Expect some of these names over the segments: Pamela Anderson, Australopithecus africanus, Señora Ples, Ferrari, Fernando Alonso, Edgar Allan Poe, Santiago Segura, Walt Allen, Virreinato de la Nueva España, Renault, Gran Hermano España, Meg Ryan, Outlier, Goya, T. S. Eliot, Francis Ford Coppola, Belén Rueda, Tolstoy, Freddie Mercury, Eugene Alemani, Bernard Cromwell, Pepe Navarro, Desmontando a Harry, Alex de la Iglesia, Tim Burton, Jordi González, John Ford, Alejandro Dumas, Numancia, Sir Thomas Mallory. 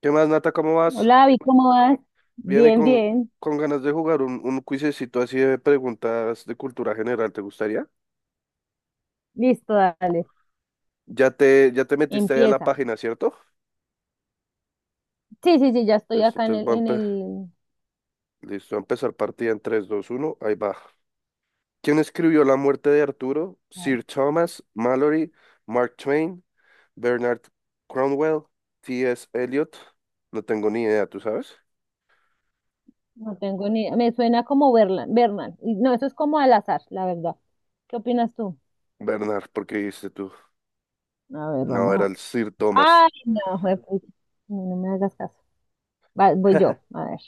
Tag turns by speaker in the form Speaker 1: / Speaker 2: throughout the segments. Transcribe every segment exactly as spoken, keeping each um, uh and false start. Speaker 1: ¿Qué más, Nata? ¿Cómo vas?
Speaker 2: Hola, Abby, ¿cómo vas?
Speaker 1: Viene
Speaker 2: Bien,
Speaker 1: con,
Speaker 2: bien.
Speaker 1: con ganas de jugar un, un cuisecito así de preguntas de cultura general, ¿te gustaría?
Speaker 2: Listo, dale.
Speaker 1: Ya te, ya te metiste ahí a la
Speaker 2: Empieza.
Speaker 1: página, ¿cierto?
Speaker 2: Sí, sí, sí, ya estoy
Speaker 1: Listo,
Speaker 2: acá en
Speaker 1: entonces
Speaker 2: el,
Speaker 1: va a,
Speaker 2: en
Speaker 1: empe-
Speaker 2: el...
Speaker 1: listo, va a empezar partida en tres, dos, uno. Ahí va. ¿Quién escribió La muerte de Arturo?
Speaker 2: Dale.
Speaker 1: Sir Thomas Mallory, Mark Twain, Bernard Cromwell, T. S. Eliot. No tengo ni idea, ¿tú sabes?
Speaker 2: No tengo ni... Me suena como Berlan, Berman. Y No, eso es como al azar, la verdad. ¿Qué opinas tú?
Speaker 1: Bernard, ¿por qué dijiste tú?
Speaker 2: A ver,
Speaker 1: No,
Speaker 2: vamos
Speaker 1: era
Speaker 2: a...
Speaker 1: el Sir Thomas.
Speaker 2: Ay, no, juepucha. No, no me hagas caso. Va, voy yo, a ver.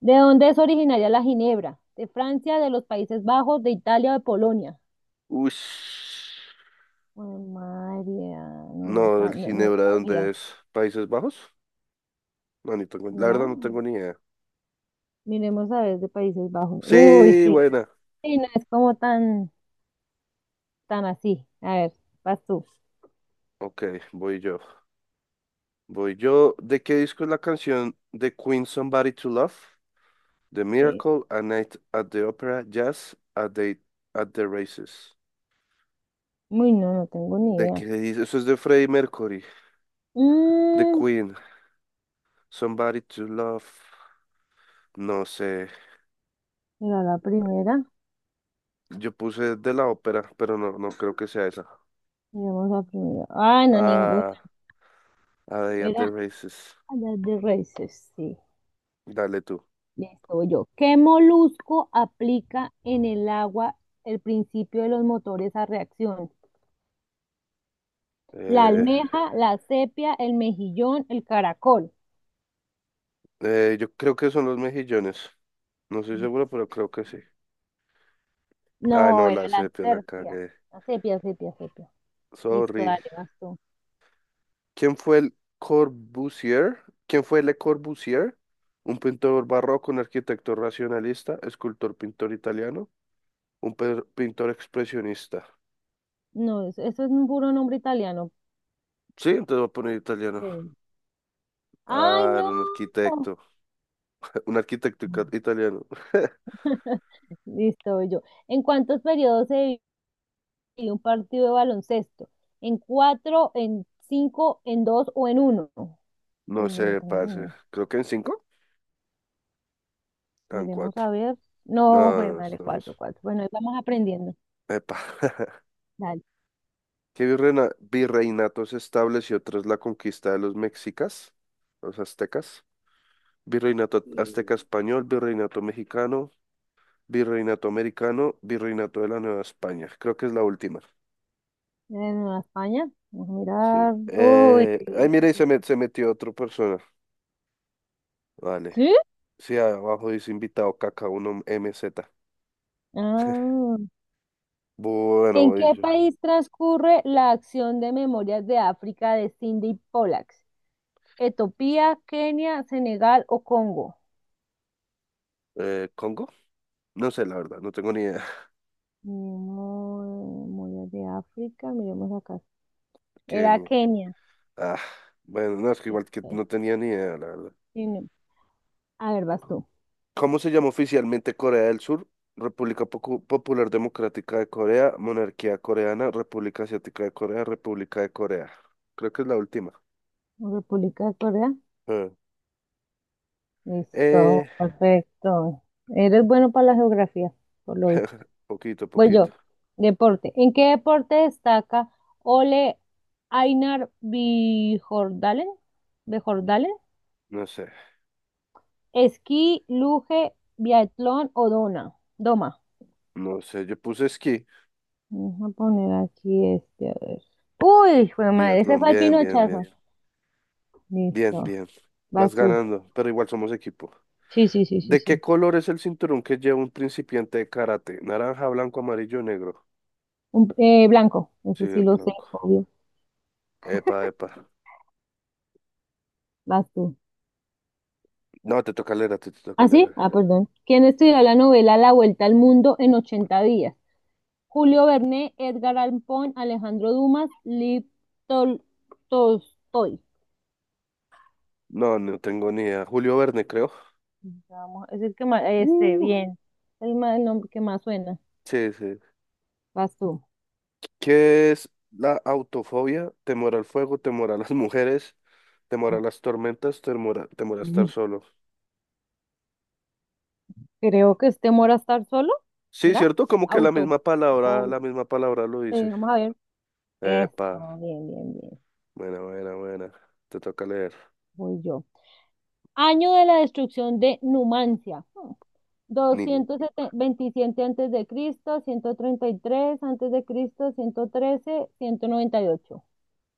Speaker 2: ¿De dónde es originaria la ginebra? ¿De Francia, de los Países Bajos, de Italia o de Polonia?
Speaker 1: Ush.
Speaker 2: Ay, María, no, no,
Speaker 1: No,
Speaker 2: sa-
Speaker 1: el
Speaker 2: no, no
Speaker 1: Ginebra, ¿de dónde
Speaker 2: sabía.
Speaker 1: es? ¿Países Bajos? No, ni tengo, la
Speaker 2: ¿Será?
Speaker 1: verdad no tengo ni idea.
Speaker 2: Miremos a ver de Países Bajos. Uy,
Speaker 1: Sí,
Speaker 2: sí.
Speaker 1: buena.
Speaker 2: Sí, no es como tan, tan así. A ver, vas tú.
Speaker 1: Ok, voy yo. Voy yo. ¿De qué disco es la canción The Queen Somebody to Love? The
Speaker 2: Eh,
Speaker 1: Miracle, A Night at the Opera, Jazz, A Day at the Races.
Speaker 2: uy, no, no tengo ni
Speaker 1: ¿De
Speaker 2: idea.
Speaker 1: qué dice? Eso es de Freddie Mercury. The
Speaker 2: Mm,
Speaker 1: Queen, Somebody to Love. No sé.
Speaker 2: era la primera.
Speaker 1: Yo puse de la ópera, pero no, no creo que sea esa.
Speaker 2: Miremos la primera. Ah, no, ninguna.
Speaker 1: Ah, A Day at the
Speaker 2: Era
Speaker 1: Races.
Speaker 2: la de Races, sí.
Speaker 1: Dale tú.
Speaker 2: Listo, voy yo. ¿Qué molusco aplica en el agua el principio de los motores a reacción? La
Speaker 1: Eh...
Speaker 2: almeja, la sepia, el mejillón, el caracol.
Speaker 1: Eh, yo creo que son los mejillones. No estoy seguro, pero creo que sí. Ay,
Speaker 2: No,
Speaker 1: no,
Speaker 2: era
Speaker 1: la
Speaker 2: la
Speaker 1: sepia la
Speaker 2: sepia.
Speaker 1: cagué.
Speaker 2: La sepia, sepia, sepia. Listo,
Speaker 1: Sorry.
Speaker 2: dale, vas tú.
Speaker 1: ¿Quién fue el Corbusier? ¿Quién fue Le Corbusier? Un pintor barroco, un arquitecto racionalista, escultor, pintor italiano, un pe- pintor expresionista.
Speaker 2: No, eso, eso es un puro nombre italiano.
Speaker 1: Sí, entonces voy a poner italiano.
Speaker 2: Eh, ¡Ay,
Speaker 1: Ah,
Speaker 2: no!
Speaker 1: era un arquitecto. Un arquitecto ica- italiano.
Speaker 2: Listo, voy yo. ¿En cuántos periodos se divide un partido de baloncesto? ¿En cuatro, en cinco, en dos o en uno? Uy,
Speaker 1: No
Speaker 2: no, no
Speaker 1: sé,
Speaker 2: tengo ni
Speaker 1: parce.
Speaker 2: idea.
Speaker 1: Creo que en cinco. Ah, en
Speaker 2: Miremos
Speaker 1: cuatro.
Speaker 2: a ver.
Speaker 1: No,
Speaker 2: No, fue
Speaker 1: no, no,
Speaker 2: madre, cuatro,
Speaker 1: estamos.
Speaker 2: cuatro. Bueno, ahí vamos aprendiendo.
Speaker 1: Epa.
Speaker 2: Dale.
Speaker 1: ¿Qué virreina- virreinato se estableció tras la conquista de los mexicas, los aztecas? Virreinato azteca español, virreinato mexicano, virreinato americano, virreinato de la Nueva España. Creo que es la última.
Speaker 2: En España, vamos a
Speaker 1: Sí.
Speaker 2: mirar. Uy,
Speaker 1: Eh, ay, mira, y
Speaker 2: sí.
Speaker 1: se, met- se metió otra persona. Vale.
Speaker 2: ¿Sí?
Speaker 1: Sí, abajo dice invitado caca uno m z.
Speaker 2: Ah.
Speaker 1: Bueno,
Speaker 2: ¿En
Speaker 1: voy
Speaker 2: qué
Speaker 1: yo.
Speaker 2: país transcurre la acción de Memorias de África de Cindy Pollack? ¿Etiopía, Kenia, Senegal o Congo?
Speaker 1: Eh, ¿Congo? No sé, la verdad, no tengo ni idea.
Speaker 2: Memo- Memorias de África, miremos acá. Era
Speaker 1: Kenia.
Speaker 2: Kenia.
Speaker 1: Ah, bueno, no, es que igual que
Speaker 2: Listo.
Speaker 1: no tenía ni idea, la verdad.
Speaker 2: Sí, no. A ver, vas tú.
Speaker 1: ¿Cómo se llama oficialmente Corea del Sur? República Pocu- Popular Democrática de Corea, Monarquía Coreana, República Asiática de Corea, República de Corea. Creo que es la última.
Speaker 2: República de Corea.
Speaker 1: Ah.
Speaker 2: Listo,
Speaker 1: Eh,
Speaker 2: perfecto. Eres bueno para la geografía, por lo visto.
Speaker 1: poquito,
Speaker 2: Voy
Speaker 1: poquito.
Speaker 2: yo. Deporte. ¿En qué deporte destaca Ole Einar Bjorndalen?
Speaker 1: No sé,
Speaker 2: Esquí, luge, biatlón o dona. Doma.
Speaker 1: no sé. Yo puse esquí,
Speaker 2: Vamos a poner aquí este, a ver. Uy, fue madre, ese
Speaker 1: biatlón,
Speaker 2: fue el
Speaker 1: bien, bien,
Speaker 2: pinochazo.
Speaker 1: bien, bien,
Speaker 2: Listo.
Speaker 1: bien.
Speaker 2: Vas
Speaker 1: Vas
Speaker 2: tú.
Speaker 1: ganando, pero igual somos equipo.
Speaker 2: Sí, sí, sí, sí,
Speaker 1: ¿De qué
Speaker 2: sí.
Speaker 1: color es el cinturón que lleva un principiante de karate? Naranja, blanco, amarillo, negro.
Speaker 2: Un, eh, blanco,
Speaker 1: Sí,
Speaker 2: ese sí
Speaker 1: el
Speaker 2: lo sé,
Speaker 1: blanco.
Speaker 2: obvio.
Speaker 1: Epa, epa.
Speaker 2: Vas tú.
Speaker 1: No, te toca leer, a ti, te toca
Speaker 2: ¿Ah,
Speaker 1: leer.
Speaker 2: sí? Ah, perdón. ¿Quién estudió la novela La Vuelta al Mundo en ochenta días? Julio Verne, Edgar Allan Poe, Alejandro Dumas, Liv Tol- Tolstoy.
Speaker 1: No, no tengo ni idea. Julio Verne, creo.
Speaker 2: Vamos, es el que más, este,
Speaker 1: Uh,
Speaker 2: bien. El, ma- el nombre que más suena.
Speaker 1: sí, sí.
Speaker 2: Vas tú.
Speaker 1: ¿Qué es la autofobia? Temor al fuego, temor a las mujeres, temor a las tormentas, temor a, temor a estar
Speaker 2: Ujú.
Speaker 1: solo.
Speaker 2: Creo que es temor a estar solo,
Speaker 1: Sí,
Speaker 2: ¿verdad?
Speaker 1: cierto, como que la
Speaker 2: Auto.
Speaker 1: misma palabra,
Speaker 2: Obvio.
Speaker 1: la misma palabra lo
Speaker 2: Eh,
Speaker 1: dice.
Speaker 2: vamos a ver.
Speaker 1: Epa,
Speaker 2: Eso, bien, bien, bien.
Speaker 1: buena, buena, buena. Te toca leer.
Speaker 2: Voy yo. Año de la destrucción de Numancia. Hmm.
Speaker 1: Ni,
Speaker 2: doscientos veintisiete antes de Cristo, ciento treinta y tres antes de Cristo, ciento trece, ciento noventa y ocho.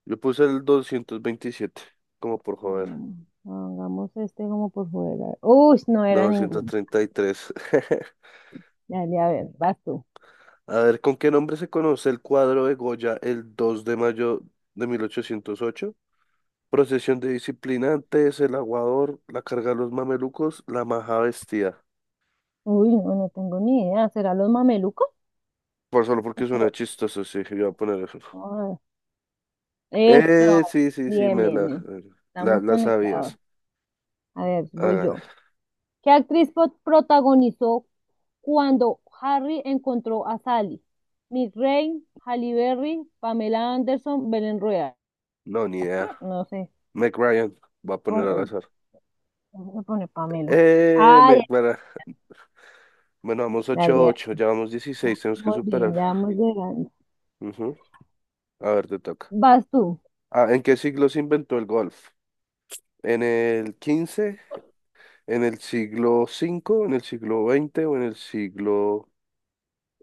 Speaker 1: yo puse el doscientos veintisiete como por joder.
Speaker 2: Mm, Hagamos este como por fuera. Uy, no
Speaker 1: No,
Speaker 2: era
Speaker 1: doscientos
Speaker 2: ninguno.
Speaker 1: treinta y tres
Speaker 2: Dale, a ver, vas tú.
Speaker 1: A ver, ¿con qué nombre se conoce el cuadro de Goya el dos de mayo de mil ochocientos ocho? Procesión de disciplinantes, el aguador, la carga de los mamelucos, la maja vestida.
Speaker 2: Uy, no, no tengo ni idea. ¿Será los mamelucos?
Speaker 1: Por solo porque suena chistoso, sí, yo voy a poner eso.
Speaker 2: Eso,
Speaker 1: Eh, sí, sí, sí,
Speaker 2: bien,
Speaker 1: me
Speaker 2: bien,
Speaker 1: la,
Speaker 2: bien.
Speaker 1: la,
Speaker 2: Estamos
Speaker 1: la
Speaker 2: conectados.
Speaker 1: sabías.
Speaker 2: A ver, voy yo.
Speaker 1: Hágale.
Speaker 2: ¿Qué actriz po- protagonizó cuando Harry encontró a Sally? Mick Rain, Halle Berry, Pamela Anderson, Belén Rueda.
Speaker 1: No, ni idea.
Speaker 2: No sé,
Speaker 1: Meg Ryan, va a poner al
Speaker 2: pon-
Speaker 1: azar.
Speaker 2: ¿cómo se pone Pamela?
Speaker 1: Eh,
Speaker 2: Ay,
Speaker 1: Meg, para- Bueno, vamos ocho
Speaker 2: dale,
Speaker 1: ocho, ya vamos dieciséis, tenemos que
Speaker 2: muy
Speaker 1: superar.
Speaker 2: bien, ya vamos llegando.
Speaker 1: Ujú. A ver, te toca.
Speaker 2: Vas tú.
Speaker 1: Ah, ¿en qué siglo se inventó el golf? ¿En el quince, en el siglo cinco, en el siglo veinte o en el siglo...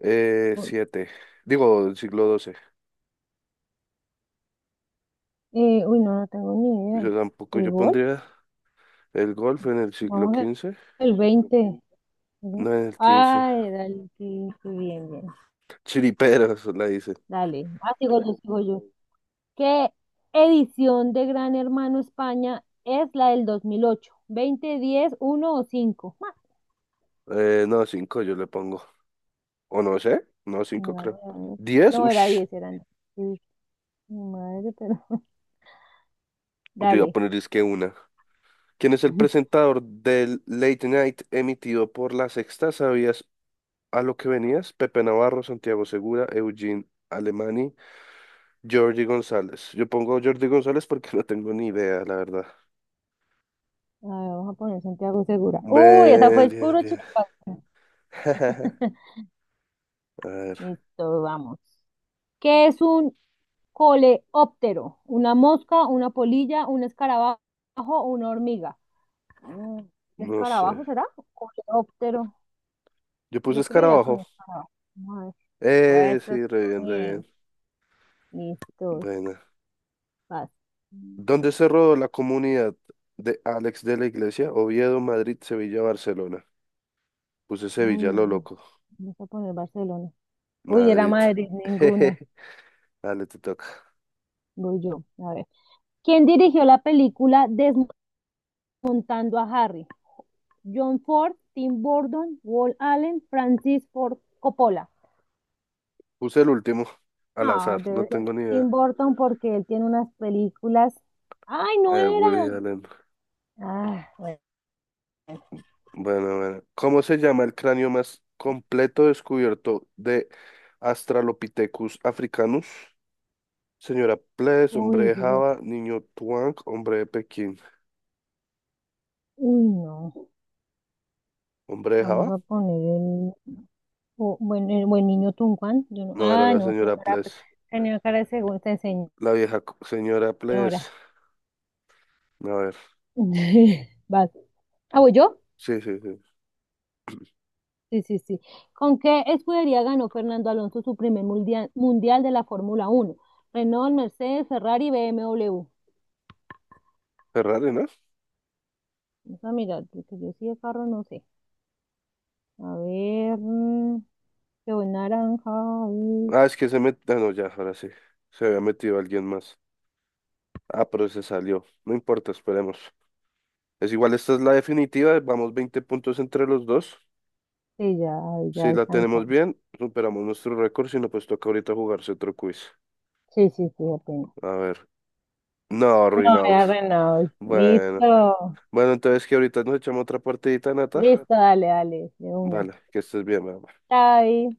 Speaker 1: Eh, siete. Digo, el siglo doce.
Speaker 2: Eh, uy, no, no tengo ni idea.
Speaker 1: Yo tampoco,
Speaker 2: ¿El
Speaker 1: yo
Speaker 2: gol?
Speaker 1: pondría el golf en el siglo
Speaker 2: Vamos
Speaker 1: quince.
Speaker 2: al veinte.
Speaker 1: No, en el quince.
Speaker 2: Ay, dale, sí, sí, bien, bien.
Speaker 1: Chiriperos, la dice.
Speaker 2: Dale, ah, sigo yo, sigo yo. ¿Qué edición de Gran Hermano España es la del dos mil ocho? ¿veinte, diez, uno o cinco? Ah,
Speaker 1: Eh, no, cinco yo le pongo. O no sé. No, cinco
Speaker 2: mira, voy
Speaker 1: creo.
Speaker 2: a ver.
Speaker 1: Diez,
Speaker 2: No era
Speaker 1: ush.
Speaker 2: diez eran. Sí, mi madre, pero.
Speaker 1: Yo voy a
Speaker 2: Dale.
Speaker 1: poner es que una. ¿Quién es el presentador del Late Night emitido por La Sexta? ¿Sabías a lo que venías? Pepe Navarro, Santiago Segura, Eugene Alemani, Jordi González. Yo pongo Jordi González porque no tengo ni idea, la verdad.
Speaker 2: A ver, vamos a poner Santiago Segura. Uy, esa fue
Speaker 1: Bien,
Speaker 2: el
Speaker 1: bien,
Speaker 2: puro
Speaker 1: bien.
Speaker 2: chiripazo.
Speaker 1: A ver,
Speaker 2: Listo, vamos. ¿Qué es un coleóptero? ¿Una mosca, una polilla, un escarabajo, una hormiga? Mm, ¿Un
Speaker 1: no
Speaker 2: escarabajo
Speaker 1: sé.
Speaker 2: será? Coleóptero.
Speaker 1: Yo puse
Speaker 2: Yo creo ya con
Speaker 1: escarabajo.
Speaker 2: esto no. No,
Speaker 1: Eh,
Speaker 2: Pues está
Speaker 1: sí, re bien, re
Speaker 2: bien.
Speaker 1: bien.
Speaker 2: Listo.
Speaker 1: Buena.
Speaker 2: Vas. Mm,
Speaker 1: ¿Dónde se rodó la comunidad de Alex de la Iglesia? Oviedo, Madrid, Sevilla, Barcelona. Puse Sevilla, lo
Speaker 2: Uy,
Speaker 1: loco.
Speaker 2: vamos a poner Barcelona. Uy, era
Speaker 1: Madrid.
Speaker 2: Madrid, ninguna.
Speaker 1: Jeje. Dale, te toca.
Speaker 2: Voy yo. A ver. ¿Quién dirigió la película Desmontando a Harry? John Ford, Tim Burton, Walt Allen, Francis Ford Coppola.
Speaker 1: Puse el último, al
Speaker 2: Ah,
Speaker 1: azar, no
Speaker 2: debe ser
Speaker 1: tengo ni idea.
Speaker 2: Tim Burton porque él tiene unas películas. ¡Ay, no
Speaker 1: Eh, Woody
Speaker 2: era!
Speaker 1: Allen.
Speaker 2: Ah, bueno.
Speaker 1: Bueno, bueno. ¿Cómo se llama el cráneo más completo descubierto de Australopithecus africanus? Señora Ples, hombre
Speaker 2: Uy,
Speaker 1: de
Speaker 2: sí lo-
Speaker 1: Java, niño Tuang, hombre de Pekín.
Speaker 2: Uy, no.
Speaker 1: ¿Hombre de
Speaker 2: Vamos
Speaker 1: Java?
Speaker 2: a poner O buen, el buen niño Tunguán. Yo no,
Speaker 1: No, era
Speaker 2: ah,
Speaker 1: la
Speaker 2: no,
Speaker 1: señora
Speaker 2: señora. pues,
Speaker 1: Ples.
Speaker 2: Tenía cara de segunda
Speaker 1: La vieja co- señora Ples.
Speaker 2: señora.
Speaker 1: A ver.
Speaker 2: Vas. Ah, ¿voy yo?
Speaker 1: Sí, sí, sí.
Speaker 2: Sí, sí, sí. ¿Con qué escudería ganó Fernando Alonso su primer mundial, mundial de la Fórmula Uno? Renault, Mercedes, Ferrari, B M W.
Speaker 1: Ferrari, ¿no?
Speaker 2: Vamos a mirar, porque yo sí de carro no sé. A ver, mm, yo voy naranja. y-
Speaker 1: Ah, es que se metió. Ah, no, ya, ahora sí. Se había metido alguien más. Ah, pero se salió. No importa, esperemos. Es igual, esta es la definitiva. Vamos veinte puntos entre los dos.
Speaker 2: Sí, ya, ya
Speaker 1: Si la tenemos
Speaker 2: alcanzamos.
Speaker 1: bien, superamos nuestro récord. Si no, pues toca ahorita jugarse otro quiz.
Speaker 2: Sí, sí, sí, apenas.
Speaker 1: A ver. No,
Speaker 2: No,
Speaker 1: Reynolds.
Speaker 2: era Renault.
Speaker 1: Bueno.
Speaker 2: Listo,
Speaker 1: Bueno, entonces que ahorita nos echamos otra partidita, Nata.
Speaker 2: listo, dale, dale, de una.
Speaker 1: Vale, que estés bien, mamá.
Speaker 2: Chao.